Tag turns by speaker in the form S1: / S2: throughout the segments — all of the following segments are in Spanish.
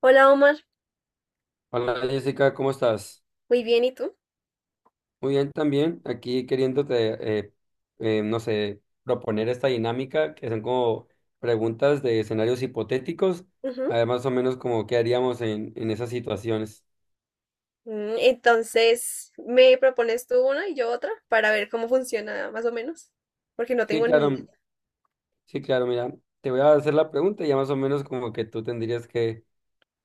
S1: Hola Omar,
S2: Hola Jessica, ¿cómo estás?
S1: muy bien, ¿y tú?
S2: Muy bien también, aquí queriéndote, no sé, proponer esta dinámica que son como preguntas de escenarios hipotéticos, a
S1: Ujú.
S2: ver, más o menos como qué haríamos en esas situaciones.
S1: Entonces, ¿me propones tú una y yo otra para ver cómo funciona más o menos? Porque no
S2: Sí,
S1: tengo ni
S2: claro,
S1: idea.
S2: sí, claro, mira, te voy a hacer la pregunta y ya más o menos como que tú tendrías que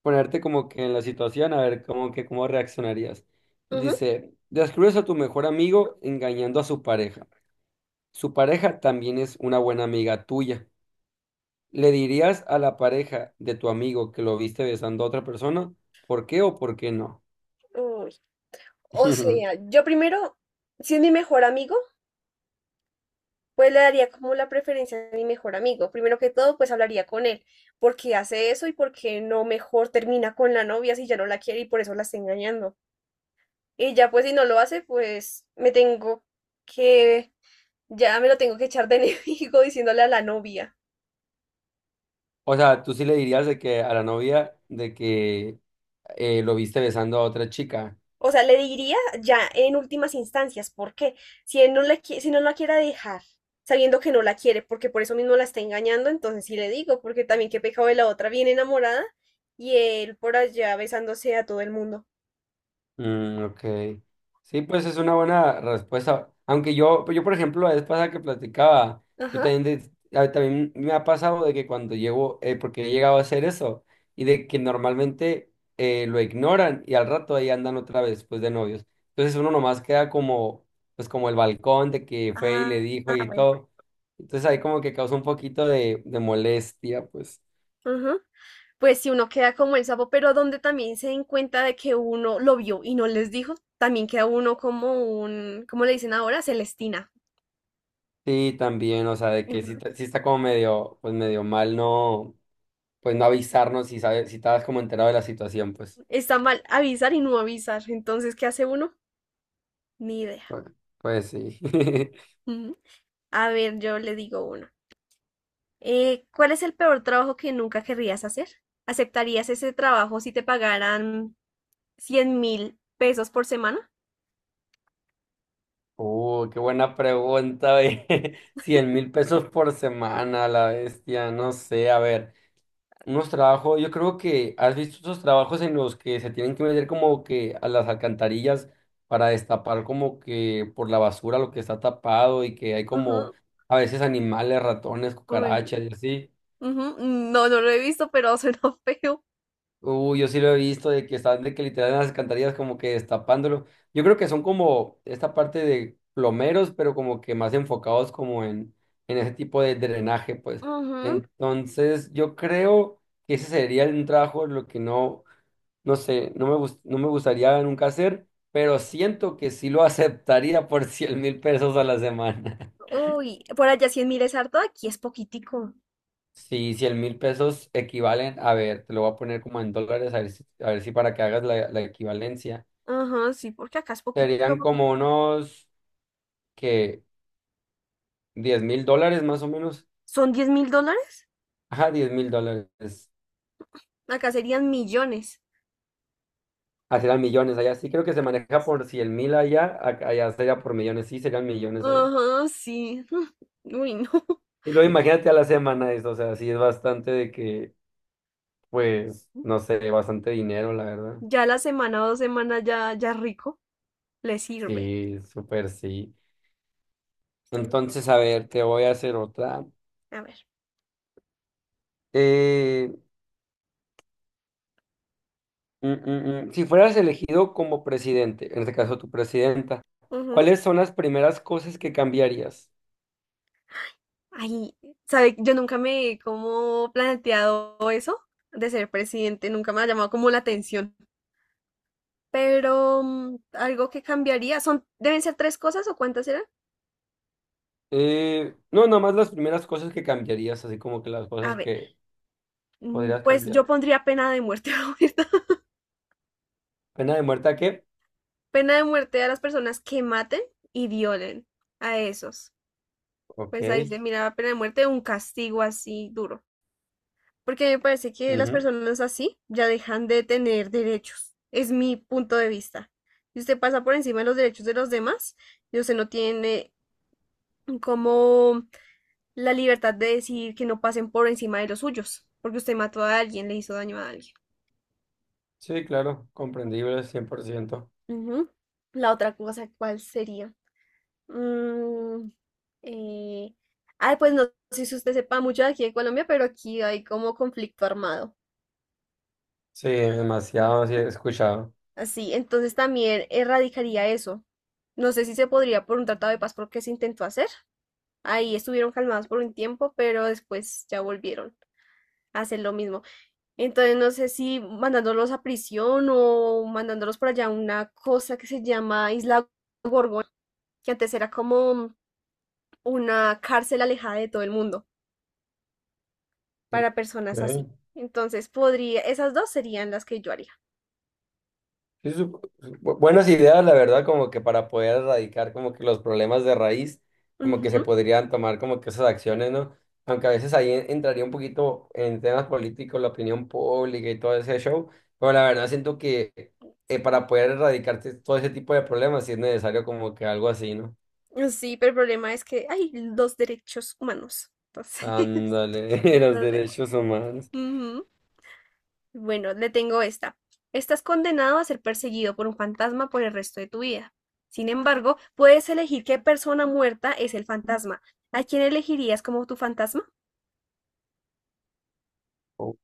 S2: ponerte como que en la situación, a ver cómo que cómo reaccionarías.
S1: Ujú.
S2: Dice, descubres a tu mejor amigo engañando a su pareja. Su pareja también es una buena amiga tuya. ¿Le dirías a la pareja de tu amigo que lo viste besando a otra persona? ¿Por qué o por qué no?
S1: Uy. O sea, yo primero, si es mi mejor amigo, pues le daría como la preferencia a mi mejor amigo. Primero que todo, pues hablaría con él. ¿Por qué hace eso y por qué no mejor termina con la novia si ya no la quiere y por eso la está engañando? Y ya pues si no lo hace, pues me tengo que, ya me lo tengo que echar de enemigo diciéndole a la novia.
S2: O sea, tú sí le dirías de que a la novia de que lo viste besando a otra chica.
S1: O sea, le diría ya en últimas instancias, ¿por qué? Si no la quiera dejar, sabiendo que no la quiere, porque por eso mismo la está engañando, entonces sí le digo, porque también qué pecado de la otra, bien enamorada, y él por allá besándose a todo el mundo.
S2: Mm, ok. Sí, pues es una buena respuesta. Aunque yo por ejemplo, la vez pasada que platicaba, yo
S1: Ajá.
S2: también, también me ha pasado de que cuando llego, porque he llegado a hacer eso, y de que normalmente lo ignoran y al rato ahí andan otra vez, pues de novios. Entonces uno nomás queda como, pues como el balcón de que fue y le
S1: Ah,
S2: dijo y
S1: bueno.
S2: todo. Entonces ahí como que causa un poquito de molestia, pues.
S1: Ajá. Pues si uno queda como el sapo, pero donde también se den cuenta de que uno lo vio y no les dijo, también queda uno como un, ¿cómo le dicen ahora? Celestina.
S2: Sí, también, o sea, de que
S1: Ujú.
S2: sí, sí está como medio, pues medio mal, no. Pues no avisarnos si sabes, si estabas como enterado de la situación, pues.
S1: Está mal avisar y no avisar. Entonces, ¿qué hace uno? Ni idea.
S2: Pues, pues sí.
S1: Ujú. A ver, yo le digo uno. ¿Cuál es el peor trabajo que nunca querrías hacer? ¿Aceptarías ese trabajo si te pagaran 100.000 pesos por semana?
S2: Qué buena pregunta, ve. 100 mil pesos por semana, la bestia, no sé, a ver. Unos trabajos, yo creo que has visto esos trabajos en los que se tienen que meter como que a las alcantarillas para destapar como que por la basura lo que está tapado y que hay como
S1: Ujú,
S2: a veces animales, ratones,
S1: uy,
S2: cucarachas y así.
S1: ujú, no, no lo he visto, pero suena feo.
S2: Uy, yo sí lo he visto de que están de que literal en las alcantarillas como que destapándolo. Yo creo que son como esta parte de plomeros, pero como que más enfocados como en ese tipo de drenaje, pues.
S1: Ujú,
S2: Entonces, yo creo que ese sería un trabajo lo que no, no sé, no me gustaría nunca hacer, pero siento que sí lo aceptaría por 100.000 pesos a la semana.
S1: uy, por allá 100.000 es harto, aquí es poquitico.
S2: Sí, 100 mil pesos equivalen, a ver, te lo voy a poner como en dólares, a ver si para que hagas la equivalencia.
S1: Ajá, sí, porque acá es poquitico,
S2: Serían como
S1: poquitico.
S2: unos que 10.000 dólares más o menos.
S1: ¿Son 10.000 dólares?
S2: Ajá, 10.000 dólares.
S1: Acá serían millones.
S2: Así eran millones allá. Sí, creo que se maneja por
S1: Sí.
S2: 100 mil allá. Allá sería por millones. Sí, serían millones allá.
S1: Ajá, sí. Uy, no.
S2: Y luego imagínate a la semana eso. O sea, sí es bastante de que, pues, no sé, bastante dinero, la verdad.
S1: Ya la semana o 2 semanas ya, ya rico, le sirve.
S2: Sí, súper sí.
S1: Sirve.
S2: Entonces, a ver, te voy a hacer otra.
S1: A ver.
S2: Eh, mm. Si fueras elegido como presidente, en este caso tu presidenta,
S1: Ujú.
S2: ¿cuáles son las primeras cosas que cambiarías?
S1: Ay, ¿sabe? Yo nunca me he como planteado eso de ser presidente, nunca me ha llamado como la atención. Pero algo que cambiaría, son, deben ser tres cosas o cuántas eran.
S2: No, nada más las primeras cosas que cambiarías, así como que las
S1: A
S2: cosas
S1: ver,
S2: que podrías
S1: pues
S2: cambiar.
S1: yo pondría pena de muerte, la verdad.
S2: ¿Pena de muerte a qué?
S1: Pena de muerte a las personas que maten y violen a esos.
S2: Ok.
S1: Pues ahí se mira pena de muerte, un castigo así duro, porque me parece que las
S2: Ujú.
S1: personas así ya dejan de tener derechos. Es mi punto de vista. Si usted pasa por encima de los derechos de los demás, y usted no tiene como la libertad de decir que no pasen por encima de los suyos, porque usted mató a alguien, le hizo daño a alguien.
S2: Sí, claro, comprendible, 100%.
S1: Ujú. La otra cosa, ¿cuál sería? Mm, eh, ay, pues no sé si usted sepa mucho de aquí de Colombia, pero aquí hay como conflicto armado.
S2: Sí, demasiado, sí, he escuchado.
S1: Así, entonces también erradicaría eso. No sé si se podría por un tratado de paz porque se intentó hacer. Ahí estuvieron calmados por un tiempo, pero después ya volvieron a hacer lo mismo. Entonces no sé si mandándolos a prisión o mandándolos por allá a una cosa que se llama Isla Gorgona, que antes era como una cárcel alejada de todo el mundo para
S2: Ok.
S1: personas así. Entonces podría, esas dos serían las que yo haría.
S2: Sí, buenas ideas, la verdad, como que para poder erradicar como que los problemas de raíz, como que se
S1: Ujú.
S2: podrían tomar como que esas acciones, ¿no? Aunque a veces ahí entraría un poquito en temas políticos, la opinión pública y todo ese show, pero la verdad siento que para
S1: Sí.
S2: poder erradicar todo ese tipo de problemas sí es necesario como que algo así, ¿no?
S1: Sí, pero el problema es que hay los derechos humanos. Entonces,
S2: Ándale,
S1: el
S2: los
S1: problema.
S2: derechos humanos.
S1: Ujú. Bueno, le tengo esta. Estás condenado a ser perseguido por un fantasma por el resto de tu vida. Sin embargo, puedes elegir qué persona muerta es el fantasma. ¿A quién elegirías como tu fantasma?
S2: Ok,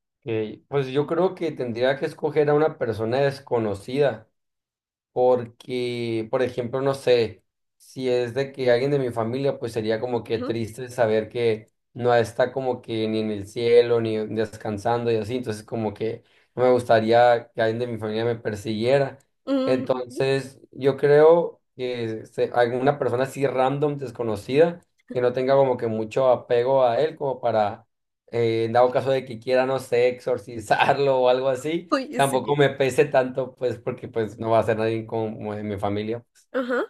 S2: pues yo creo que tendría que escoger a una persona desconocida. Porque, por ejemplo, no sé, si es de que alguien de mi familia, pues sería como que
S1: Ujú.
S2: triste saber que no está como que ni en el cielo, ni descansando y así. Entonces, como que no me gustaría que alguien de mi familia me persiguiera.
S1: Mm, ujú.
S2: Entonces, yo creo que alguna persona así random, desconocida, que no tenga como que mucho apego a él, como para, en dado caso de que quiera, no sé, exorcizarlo o algo así.
S1: Uy,
S2: Tampoco
S1: sí.
S2: me pese tanto, pues, porque pues no va a ser nadie como de mi familia.
S1: Ajá.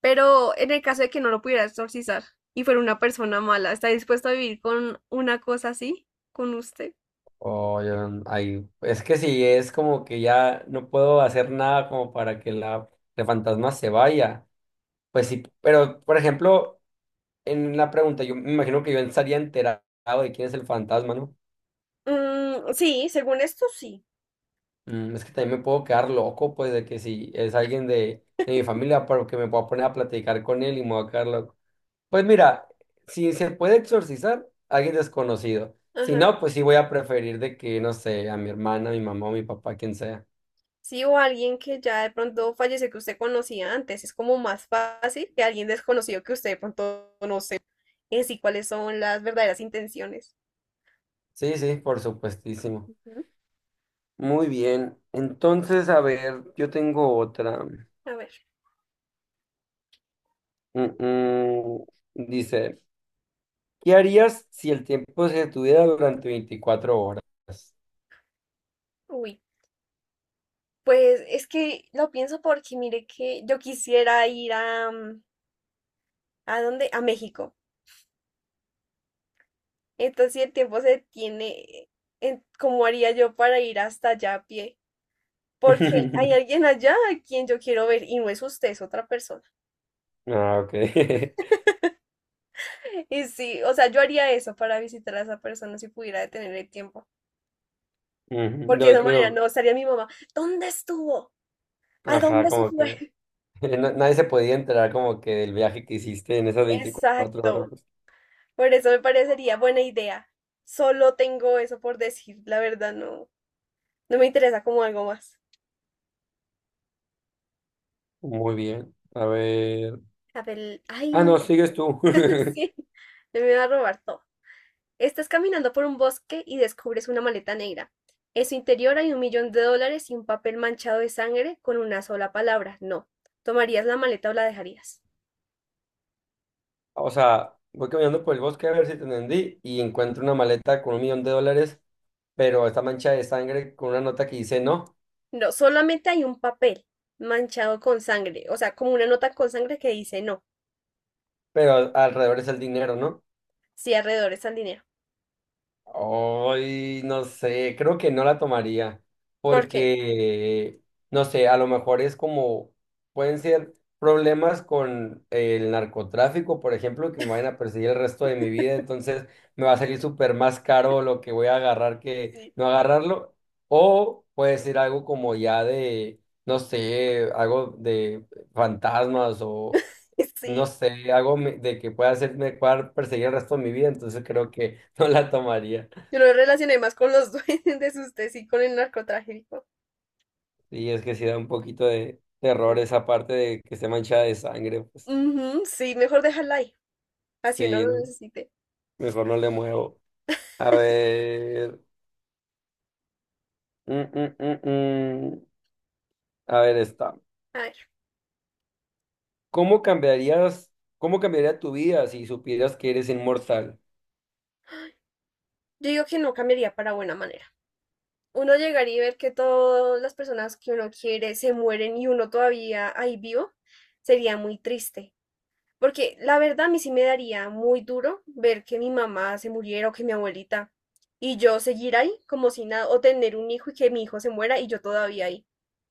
S1: Pero en el caso de que no lo pudieras exorcizar y fuera una persona mala, ¿está dispuesto a vivir con una cosa así? ¿Con usted?
S2: O yo, ahí. Es que si es como que ya no puedo hacer nada como para que la, el fantasma se vaya. Pues sí, pero por ejemplo, en la pregunta, yo me imagino que yo estaría enterado de quién es el fantasma, ¿no?
S1: Mm, sí, según esto sí.
S2: Mm, es que también me puedo quedar loco, pues, de que si es alguien de mi familia, pero que me pueda poner a platicar con él y me voy a quedar loco. Pues mira, si se puede exorcizar, alguien desconocido. Si
S1: Ajá.
S2: no, pues sí voy a preferir de que, no sé, a mi hermana, a mi mamá, o mi papá, quien sea.
S1: Sí, o alguien que ya de pronto fallece que usted conocía antes. Es como más fácil que alguien desconocido que usted de pronto no sé en sí cuáles son las verdaderas intenciones.
S2: Sí, sí, por supuestísimo.
S1: Ujú.
S2: Muy bien. Entonces, a ver, yo tengo otra.
S1: A ver,
S2: Mm, mm. Dice, ¿qué harías si el tiempo se detuviera durante 24 horas?
S1: uy. Pues es que lo pienso porque mire que yo quisiera ir a, ¿a dónde? A México. Entonces, si el tiempo se tiene, ¿cómo haría yo para ir hasta allá a pie? Porque hay alguien allá a quien yo quiero ver y no es usted, es otra persona.
S2: Ah, ok.
S1: Y sí, o sea, yo haría eso para visitar a esa persona si pudiera detener el tiempo,
S2: Ujú.
S1: porque de
S2: No,
S1: esa manera
S2: pero,
S1: no estaría mi mamá. ¿Dónde estuvo? ¿A
S2: ajá,
S1: dónde se
S2: como
S1: fue?
S2: que nadie se podía enterar como que del viaje que hiciste en esas 24 horas.
S1: Exacto. Por eso me parecería buena idea. Solo tengo eso por decir, la verdad no, no me interesa como algo más.
S2: Muy bien. A ver.
S1: A ver,
S2: Ah,
S1: ay,
S2: no, sigues tú.
S1: sí, me va a robar todo. Estás caminando por un bosque y descubres una maleta negra. En su interior hay 1.000.000 de dólares y un papel manchado de sangre con una sola palabra, no. ¿Tomarías la maleta o la dejarías?
S2: O sea, voy caminando por el bosque a ver si te entendí y encuentro una maleta con un millón de dólares, pero esta mancha de sangre con una nota que dice no,
S1: No, solamente hay un papel manchado con sangre, o sea, como una nota con sangre que dice no,
S2: pero alrededor es el dinero, ¿no?
S1: cierre alrededor al dinero.
S2: Hoy, no sé, creo que no la tomaría,
S1: ¿Por qué?
S2: porque, no sé, a lo mejor es como, pueden ser problemas con el narcotráfico, por ejemplo, que me vayan a perseguir el resto de mi vida, entonces me va a salir súper más caro lo que voy a agarrar que
S1: Sí,
S2: no agarrarlo, o puede ser algo como ya de, no sé, algo de fantasmas o... No
S1: sí.
S2: sé, algo de que pueda hacerme pueda perseguir el resto de mi vida, entonces creo que no la tomaría.
S1: Yo lo relacioné más con los duendes, usted sí, con el narcotráfico.
S2: Y es que sí da un poquito de terror
S1: Mm.
S2: esa parte de que esté manchada de sangre, pues
S1: Ujú, sí, mejor dejarla ahí, así uno
S2: sí,
S1: lo
S2: no,
S1: necesite.
S2: mejor no le muevo. A ver, mm, mm, mm, mm. A ver, está.
S1: A ver,
S2: ¿Cómo cambiarías, cómo cambiaría tu vida si supieras que eres inmortal?
S1: yo digo que no cambiaría para buena manera. Uno llegar y ver que todas las personas que uno quiere se mueren y uno todavía ahí vivo, sería muy triste. Porque la verdad a mí sí me daría muy duro ver que mi mamá se muriera o que mi abuelita y yo seguir ahí como si nada, o tener un hijo y que mi hijo se muera y yo todavía ahí.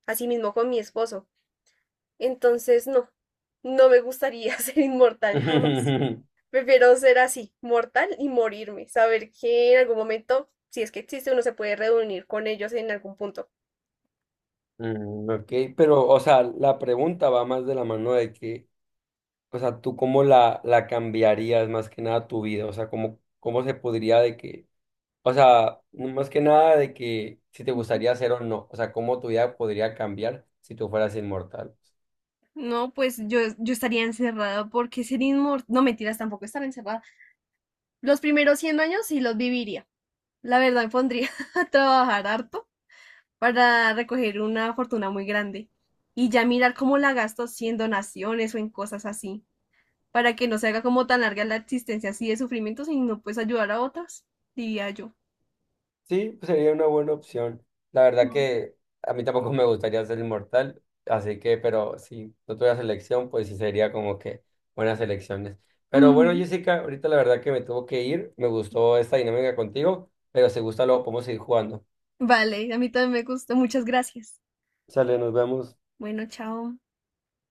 S1: Así mismo con mi esposo. Entonces, no, no me gustaría ser inmortal jamás. Prefiero ser así, mortal y morirme, saber que en algún momento, si es que existe, uno se puede reunir con ellos en algún punto.
S2: Mm, ok, pero, o sea, la pregunta va más de la mano de que, o sea, tú cómo la, la cambiarías más que nada tu vida, o sea, cómo, cómo se podría de que. O sea, más que nada de que si te gustaría ser o no, o sea, cómo tu vida podría cambiar si tú fueras inmortal.
S1: No, pues yo estaría encerrada porque ser inmortal, no mentiras, tampoco estar encerrada. Los primeros 100 años sí los viviría. La verdad me pondría a trabajar harto para recoger una fortuna muy grande y ya mirar cómo la gasto si en donaciones o en cosas así, para que no se haga como tan larga la existencia así de sufrimiento, sino pues ayudar a otras, diría yo.
S2: Sí, pues sería una buena opción. La verdad
S1: Ujú.
S2: que a mí tampoco me gustaría ser inmortal, así que, pero si no tuviera selección, pues sí sería como que buenas elecciones. Pero bueno,
S1: Ujú.
S2: Jessica, ahorita la verdad que me tuvo que ir, me gustó esta dinámica contigo, pero si gusta luego podemos seguir jugando.
S1: Vale, a mí también me gustó. Muchas gracias.
S2: Sale, nos vemos.
S1: Bueno, chao.